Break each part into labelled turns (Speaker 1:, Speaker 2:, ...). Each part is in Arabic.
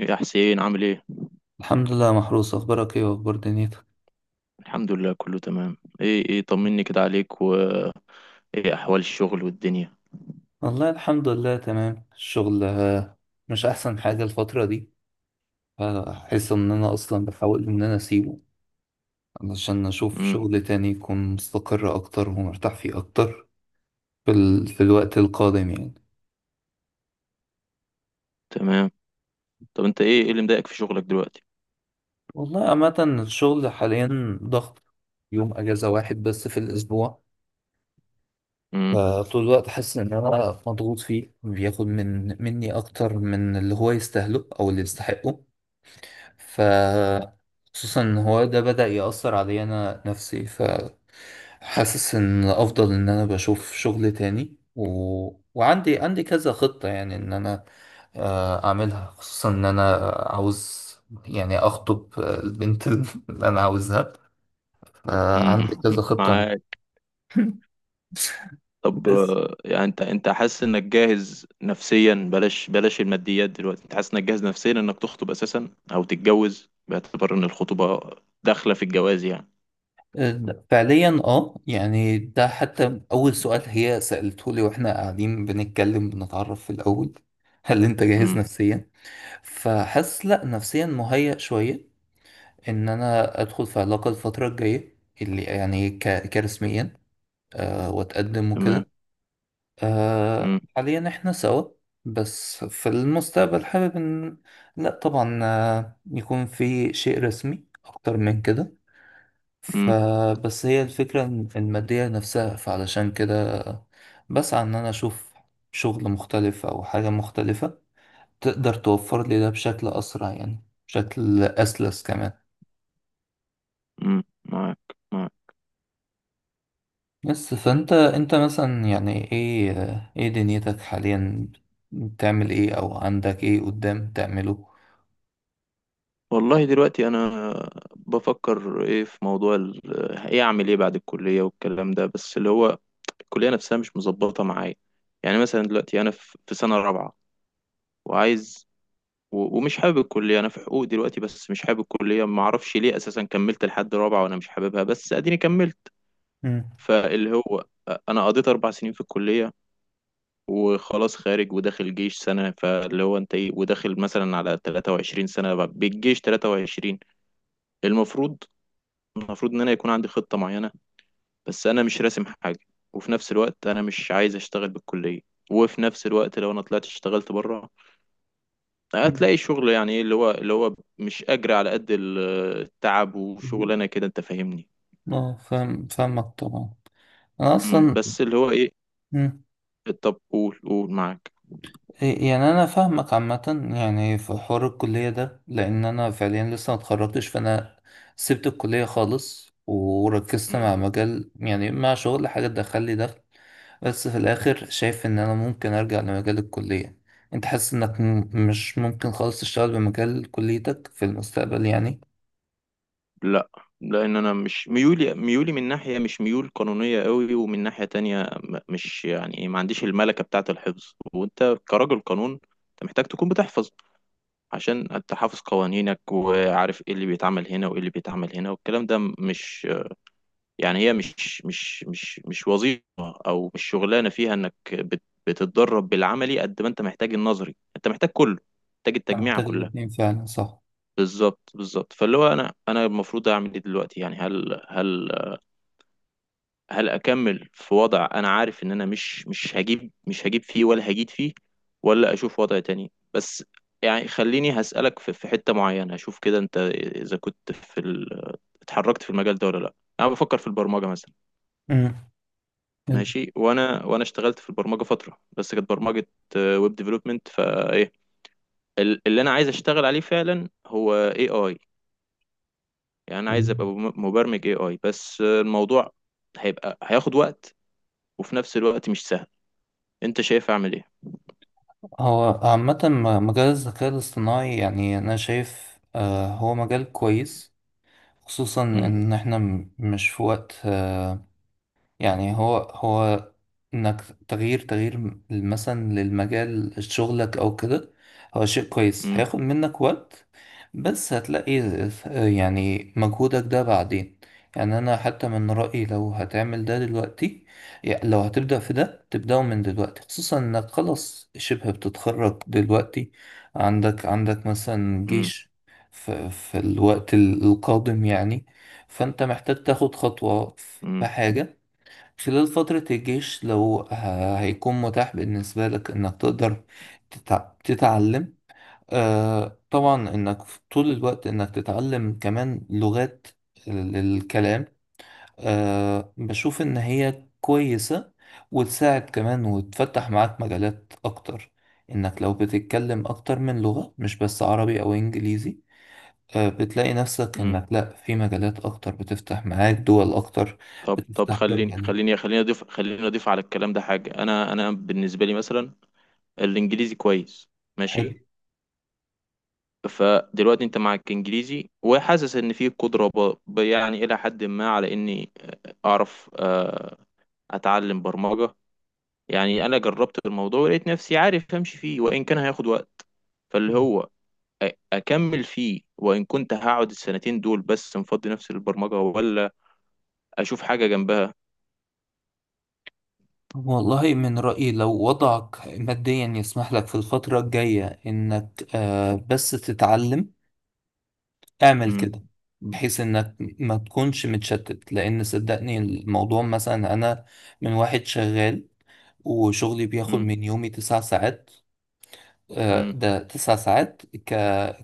Speaker 1: إيه يا حسين عامل ايه؟
Speaker 2: الحمد لله محروس، اخبارك ايه واخبار دنيتك؟
Speaker 1: الحمد لله، كله تمام. ايه طمني كده عليك، و ايه احوال الشغل والدنيا؟
Speaker 2: والله الحمد لله تمام. الشغل آه، مش احسن حاجة الفترة دي. فاحس ان انا اصلا بحاول ان انا اسيبه علشان اشوف
Speaker 1: امم.
Speaker 2: شغل تاني يكون مستقر اكتر ومرتاح فيه اكتر في الوقت القادم يعني.
Speaker 1: تمام. طب انت، ايه اللي مضايقك في شغلك دلوقتي؟
Speaker 2: والله عامة الشغل حاليا ضغط، يوم اجازة واحد بس في الاسبوع.
Speaker 1: امم.
Speaker 2: فطول الوقت حاسس ان انا مضغوط فيه، بياخد من مني اكتر من اللي هو يستاهله او اللي يستحقه. ف خصوصا ان هو ده بدأ يأثر عليا انا نفسي. فحاسس ان افضل ان انا بشوف شغل تاني وعندي كذا خطة يعني ان انا آه، اعملها. خصوصا ان انا عاوز، يعني اخطب البنت اللي انا عاوزها. فعندي كذا
Speaker 1: أمم.
Speaker 2: خطة.
Speaker 1: معاك. طب،
Speaker 2: بس
Speaker 1: يعني انت حاسس انك جاهز نفسيا، بلاش بلاش الماديات دلوقتي، انت حاسس انك جاهز نفسيا انك تخطب اساسا او تتجوز، باعتبار ان الخطوبة داخلة في الجواز يعني؟
Speaker 2: آه، فعليا اه، يعني ده حتى اول سؤال هي سألته لي واحنا قاعدين بنتكلم بنتعرف في الاول: هل انت جاهز
Speaker 1: امم.
Speaker 2: نفسيا؟ فحاسس لا، نفسيا مهيأ شوية ان انا ادخل في علاقة الفترة الجاية اللي يعني كرسميا أه، واتقدم
Speaker 1: تمام.
Speaker 2: وكده.
Speaker 1: امم.
Speaker 2: أه حاليا احنا سوا، بس في المستقبل حابب ان، لا طبعا آه، يكون في شيء رسمي اكتر من كده.
Speaker 1: امم.
Speaker 2: فبس هي الفكرة المادية نفسها. فعلشان كده بسعى ان انا اشوف شغل مختلف او حاجة مختلفة تقدر توفر لي ده بشكل أسرع، يعني بشكل أسلس كمان.
Speaker 1: أمم. معاك، معاك.
Speaker 2: بس فأنت مثلا يعني إيه دنيتك حاليا؟ بتعمل إيه أو عندك إيه قدام تعمله؟
Speaker 1: والله، دلوقتي انا بفكر ايه في موضوع ايه اعمل ايه بعد الكليه والكلام ده، بس اللي هو الكليه نفسها مش مظبطه معايا. يعني مثلا دلوقتي انا في سنه رابعه. وعايز، ومش حابب الكليه. انا في حقوق دلوقتي بس مش حابب الكليه، ما اعرفش ليه اساسا كملت لحد رابعه وانا مش حاببها، بس اديني كملت.
Speaker 2: مم.
Speaker 1: فاللي هو، انا قضيت 4 سنين في الكليه. وخلاص، خارج وداخل جيش سنه، فاللي هو انت ايه، وداخل مثلا على 23 سنه بالجيش. 23، المفروض المفروض ان انا يكون عندي خطة معينة. بس انا مش راسم حاجة. وفي نفس الوقت انا مش عايز اشتغل بالكلية. وفي نفس الوقت لو انا طلعت اشتغلت بره،
Speaker 2: مم.
Speaker 1: هتلاقي شغل، يعني ايه، اللي هو مش اجري على قد التعب وشغلانة كده، انت فاهمني؟
Speaker 2: اه، فاهمك طبعا. أنا أصلا،
Speaker 1: بس اللي هو ايه. طب قول، معاك.
Speaker 2: يعني انا فاهمك عامه. يعني في حوار الكليه ده، لان انا فعليا لسه ما اتخرجتش. فانا سبت الكليه خالص وركزت
Speaker 1: مم،
Speaker 2: مع مجال، يعني مع شغل حاجه تدخل لي دخل. بس في الاخر شايف ان انا ممكن ارجع لمجال الكليه. انت حاسس انك مش ممكن خالص تشتغل بمجال كليتك في المستقبل يعني؟
Speaker 1: لا، لان انا مش ميولي من ناحية، مش ميول قانونية قوي، ومن ناحية تانية، مش يعني إيه، ما عنديش الملكة بتاعة الحفظ. وانت كراجل قانون، انت محتاج تكون بتحفظ، عشان انت حافظ قوانينك وعارف ايه اللي بيتعمل هنا وايه اللي بيتعمل هنا. والكلام ده مش يعني هي مش وظيفة او مش شغلانة فيها انك بتتدرب بالعملي قد ما انت محتاج النظري، انت محتاج كله، محتاج
Speaker 2: أنت
Speaker 1: التجميعة
Speaker 2: محتاج
Speaker 1: كلها.
Speaker 2: الاتنين فعلا، صح؟
Speaker 1: بالظبط بالظبط. فاللي هو انا المفروض اعمل ايه دلوقتي يعني، هل اكمل في وضع انا عارف ان انا مش هجيب فيه ولا هجيد فيه، ولا اشوف وضع تاني؟ بس يعني خليني هسألك في حتة معينة. اشوف كده انت، اذا كنت اتحركت في المجال ده ولا لا. انا بفكر في البرمجة مثلا.
Speaker 2: امم.
Speaker 1: ماشي. وانا اشتغلت في البرمجة فترة بس كانت برمجة ويب ديفلوبمنت. فايه اللي انا عايز اشتغل عليه فعلا هو اي اي، يعني انا عايز ابقى مبرمج اي اي، بس الموضوع هيبقى هياخد وقت وفي نفس الوقت مش سهل. انت شايف اعمل ايه؟
Speaker 2: هو عامة مجال الذكاء الاصطناعي يعني أنا شايف آه، هو مجال كويس. خصوصا
Speaker 1: مم.
Speaker 2: ان احنا مش في وقت آه، يعني هو انك تغيير مثلا للمجال شغلك او كده هو شيء كويس.
Speaker 1: مم.
Speaker 2: هياخد منك وقت بس هتلاقي، يعني مجهودك ده بعدين. يعني انا حتى من رأيي لو هتعمل ده دلوقتي، يعني لو هتبدأ في ده تبدأه من دلوقتي، خصوصا انك خلاص شبه بتتخرج دلوقتي. عندك مثلا
Speaker 1: مم.
Speaker 2: جيش في الوقت القادم يعني. فانت محتاج تاخد خطوة في
Speaker 1: مم.
Speaker 2: حاجة خلال فترة الجيش، لو هيكون متاح بالنسبة لك إنك تقدر تتعلم آه. طبعا إنك في طول الوقت إنك تتعلم كمان لغات، الكلام، آه بشوف إن هي كويسة وتساعد كمان وتفتح معاك مجالات أكتر. إنك لو بتتكلم أكتر من لغة مش بس عربي أو إنجليزي، آه بتلاقي نفسك
Speaker 1: مم.
Speaker 2: إنك لأ في مجالات أكتر بتفتح معاك، دول أكتر.
Speaker 1: طب
Speaker 2: بتفتح باب
Speaker 1: خليني
Speaker 2: عليك.
Speaker 1: خليني خليني اضيف خليني اضيف على الكلام ده حاجه. انا بالنسبه لي مثلا، الانجليزي كويس.
Speaker 2: حلو.
Speaker 1: ماشي. فدلوقتي انت معك انجليزي، وحاسس ان في قدره يعني الى حد ما على اني اعرف، اتعلم برمجه. يعني انا جربت الموضوع ولقيت نفسي عارف امشي فيه، وان كان هياخد وقت. فاللي هو، اكمل فيه وان كنت هقعد السنتين دول بس مفضي نفسي للبرمجه، ولا اشوف حاجه جنبها؟
Speaker 2: والله من رأيي لو وضعك ماديا يسمح لك في الفترة الجاية إنك آه، بس تتعلم، اعمل كده، بحيث إنك ما تكونش متشتت. لأن صدقني الموضوع مثلا أنا، من واحد شغال وشغلي بياخد
Speaker 1: مم.
Speaker 2: من يومي تسع ساعات. آه،
Speaker 1: مم.
Speaker 2: ده تسع ساعات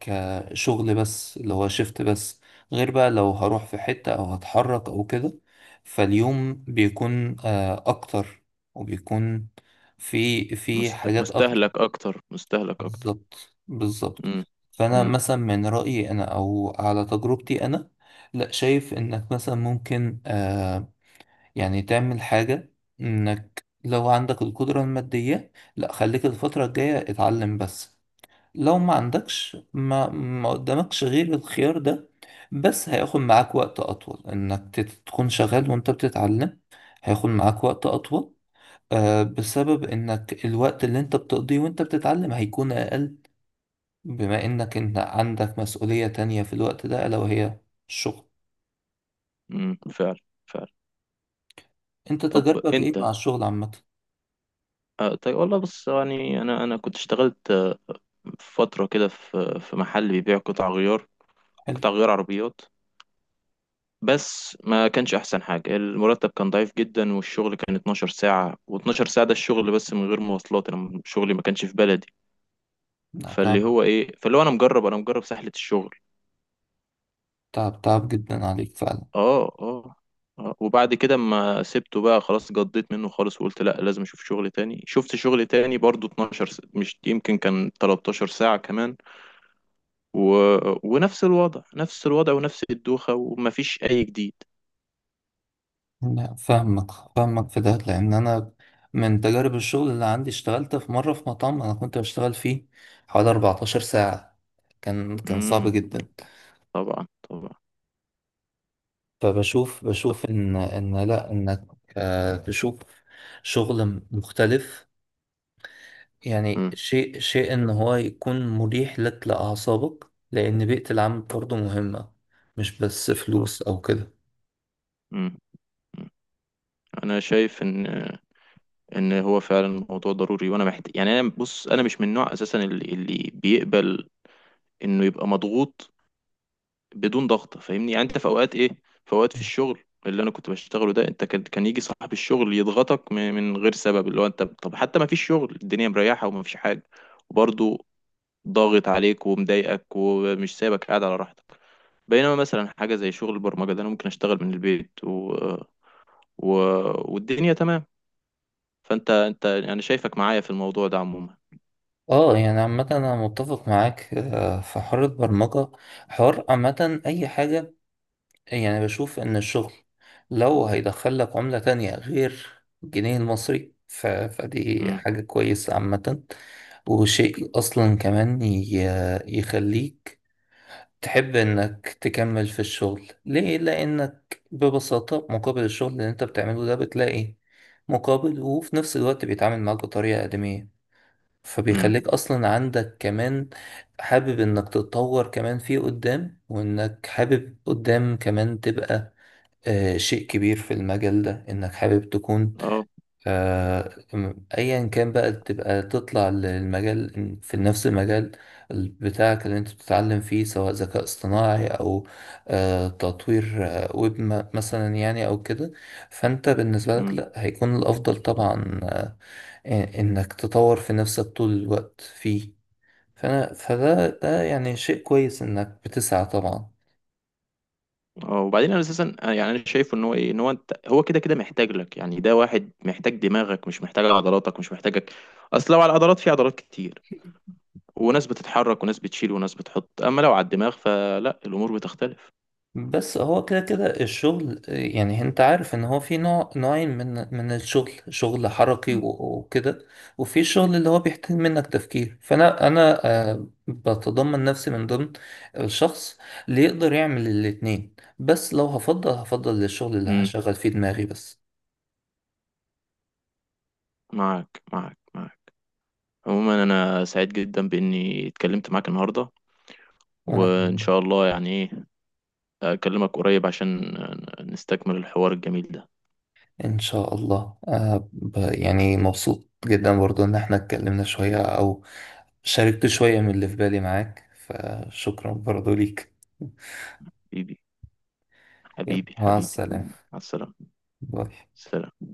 Speaker 2: كشغل بس اللي هو شيفت بس. غير بقى لو هروح في حتة أو هتحرك أو كده، فاليوم بيكون آه، أكتر، وبيكون في حاجات أكتر.
Speaker 1: مستهلك اكتر، مستهلك اكتر.
Speaker 2: بالظبط بالظبط.
Speaker 1: مم.
Speaker 2: فأنا
Speaker 1: مم.
Speaker 2: مثلا من رأيي أنا أو على تجربتي أنا، لا شايف إنك مثلا ممكن آه، يعني تعمل حاجة. إنك لو عندك القدرة المادية، لا، خليك الفترة الجاية اتعلم بس. لو ما عندكش ما قدامكش غير الخيار ده، بس هياخد معاك وقت أطول إنك تكون شغال وأنت بتتعلم. هياخد معاك وقت أطول آه، بسبب إنك الوقت اللي أنت بتقضيه وأنت بتتعلم هيكون أقل، بما إنك أنت عندك مسؤولية تانية في الوقت ده ألا وهي الشغل.
Speaker 1: مم. فعلا، فعلا.
Speaker 2: أنت
Speaker 1: طب
Speaker 2: تجربك إيه
Speaker 1: انت.
Speaker 2: مع الشغل عامة؟
Speaker 1: طيب، والله بص، يعني انا كنت اشتغلت، في فتره كده في محل بيبيع قطع غيار.
Speaker 2: حلو.
Speaker 1: قطع غيار عربيات، بس ما كانش احسن حاجه. المرتب كان ضعيف جدا والشغل كان 12 ساعه، و12 ساعه ده الشغل بس من غير مواصلات، انا شغلي ما كانش في بلدي.
Speaker 2: لا تعب.
Speaker 1: فاللي هو ايه، فاللي هو انا مجرب، انا مجرب سهله الشغل.
Speaker 2: تعب تعب جدا عليك فعلا.
Speaker 1: اه، اه، اه. وبعد كده ما سبته بقى خلاص، جضيت منه خالص وقلت لا لازم اشوف شغل تاني. شفت شغل تاني برضو، مش يمكن كان 13 ساعة كمان. و... ونفس الوضع، نفس الوضع، ونفس الدوخة، ومفيش اي جديد.
Speaker 2: لا فاهمك، فاهمك في ده، لان انا من تجارب الشغل اللي عندي اشتغلت في مره في مطعم انا كنت بشتغل فيه حوالي 14 ساعه. كان صعب
Speaker 1: امم.
Speaker 2: جدا.
Speaker 1: طبعا، طبعا.
Speaker 2: فبشوف ان لا، انك آه، تشوف شغل مختلف. يعني
Speaker 1: امم.
Speaker 2: شيء ان هو يكون مريح لك لاعصابك، لان بيئه العمل برضه مهمه، مش بس
Speaker 1: طبعا.
Speaker 2: فلوس او كده.
Speaker 1: امم. أمم. انا شايف ان هو فعلا الموضوع ضروري وانا محتاج. يعني انا بص، انا مش من النوع اساسا اللي بيقبل انه يبقى مضغوط، بدون ضغط. فاهمني؟ يعني انت في اوقات ايه، في اوقات في الشغل اللي انا كنت بشتغله ده، انت كان يجي صاحب الشغل يضغطك من غير سبب، اللي هو انت، طب حتى ما فيش شغل، الدنيا مريحه وما فيش حاجه، وبرضه ضاغط عليك ومضايقك ومش سايبك قاعد على راحتك. بينما مثلا حاجه زي شغل البرمجه ده، انا ممكن اشتغل من البيت و... والدنيا تمام. فانت يعني، انا شايفك معايا في الموضوع ده عموما.
Speaker 2: اه يعني عامة أنا متفق معاك آه، في حوار البرمجة، حوار عامة أي حاجة. يعني بشوف إن الشغل لو هيدخل لك عملة تانية غير الجنيه المصري فدي
Speaker 1: امم.
Speaker 2: حاجة كويسة عامة. وشيء أصلا كمان يخليك تحب إنك تكمل في الشغل ليه؟ لأنك ببساطة مقابل الشغل اللي أنت بتعمله ده بتلاقي مقابل، وفي نفس الوقت بيتعامل معاك بطريقة آدمية.
Speaker 1: امم.
Speaker 2: فبيخليك اصلا عندك كمان حابب انك تتطور كمان فيه قدام، وانك حابب قدام كمان تبقى آه شيء كبير في المجال ده، انك حابب تكون
Speaker 1: اه.
Speaker 2: آه ايا كان بقى تبقى تطلع للمجال في نفس المجال بتاعك اللي انت بتتعلم فيه، سواء ذكاء اصطناعي او آه تطوير آه ويب مثلا يعني او كده. فانت بالنسبة لك
Speaker 1: امم.
Speaker 2: لا، هيكون الافضل طبعا آه، آه، انك تطور في نفسك طول الوقت فيه. فانا فده يعني شيء كويس انك بتسعى طبعا.
Speaker 1: اه، وبعدين انا اساسا، يعني انا شايف ان هو ايه، ان هو انت هو كده كده محتاج لك. يعني ده واحد محتاج دماغك مش محتاج عضلاتك مش محتاجك. اصل لو على العضلات، في عضلات كتير، وناس بتتحرك وناس بتشيل وناس بتحط. اما لو على الدماغ فلا، الامور بتختلف.
Speaker 2: بس هو كده كده الشغل آه، يعني انت عارف ان هو في نوع، نوعين من الشغل، شغل حركي
Speaker 1: مم.
Speaker 2: وكده، وفي الشغل اللي هو بيحتاج منك تفكير. فانا آه، بتضمن نفسي من ضمن الشخص اللي يقدر يعمل الاتنين، بس لو هفضل هفضل للشغل اللي
Speaker 1: امم.
Speaker 2: هشغل فيه دماغي بس.
Speaker 1: معاك، معاك، معاك. عموما، انا سعيد جدا باني اتكلمت معاك النهارده.
Speaker 2: انا
Speaker 1: وان شاء الله، يعني ايه، اكلمك قريب عشان نستكمل الحوار الجميل ده.
Speaker 2: ان شاء الله آه يعني مبسوط جدا برضو ان احنا اتكلمنا شوية او شاركت شوية من اللي في بالي معاك. فشكرا برضو ليك.
Speaker 1: حبيبي،
Speaker 2: يلا
Speaker 1: حبيبي،
Speaker 2: مع
Speaker 1: حبيبي.
Speaker 2: السلامة.
Speaker 1: مع السلامه.
Speaker 2: باي.
Speaker 1: سلام.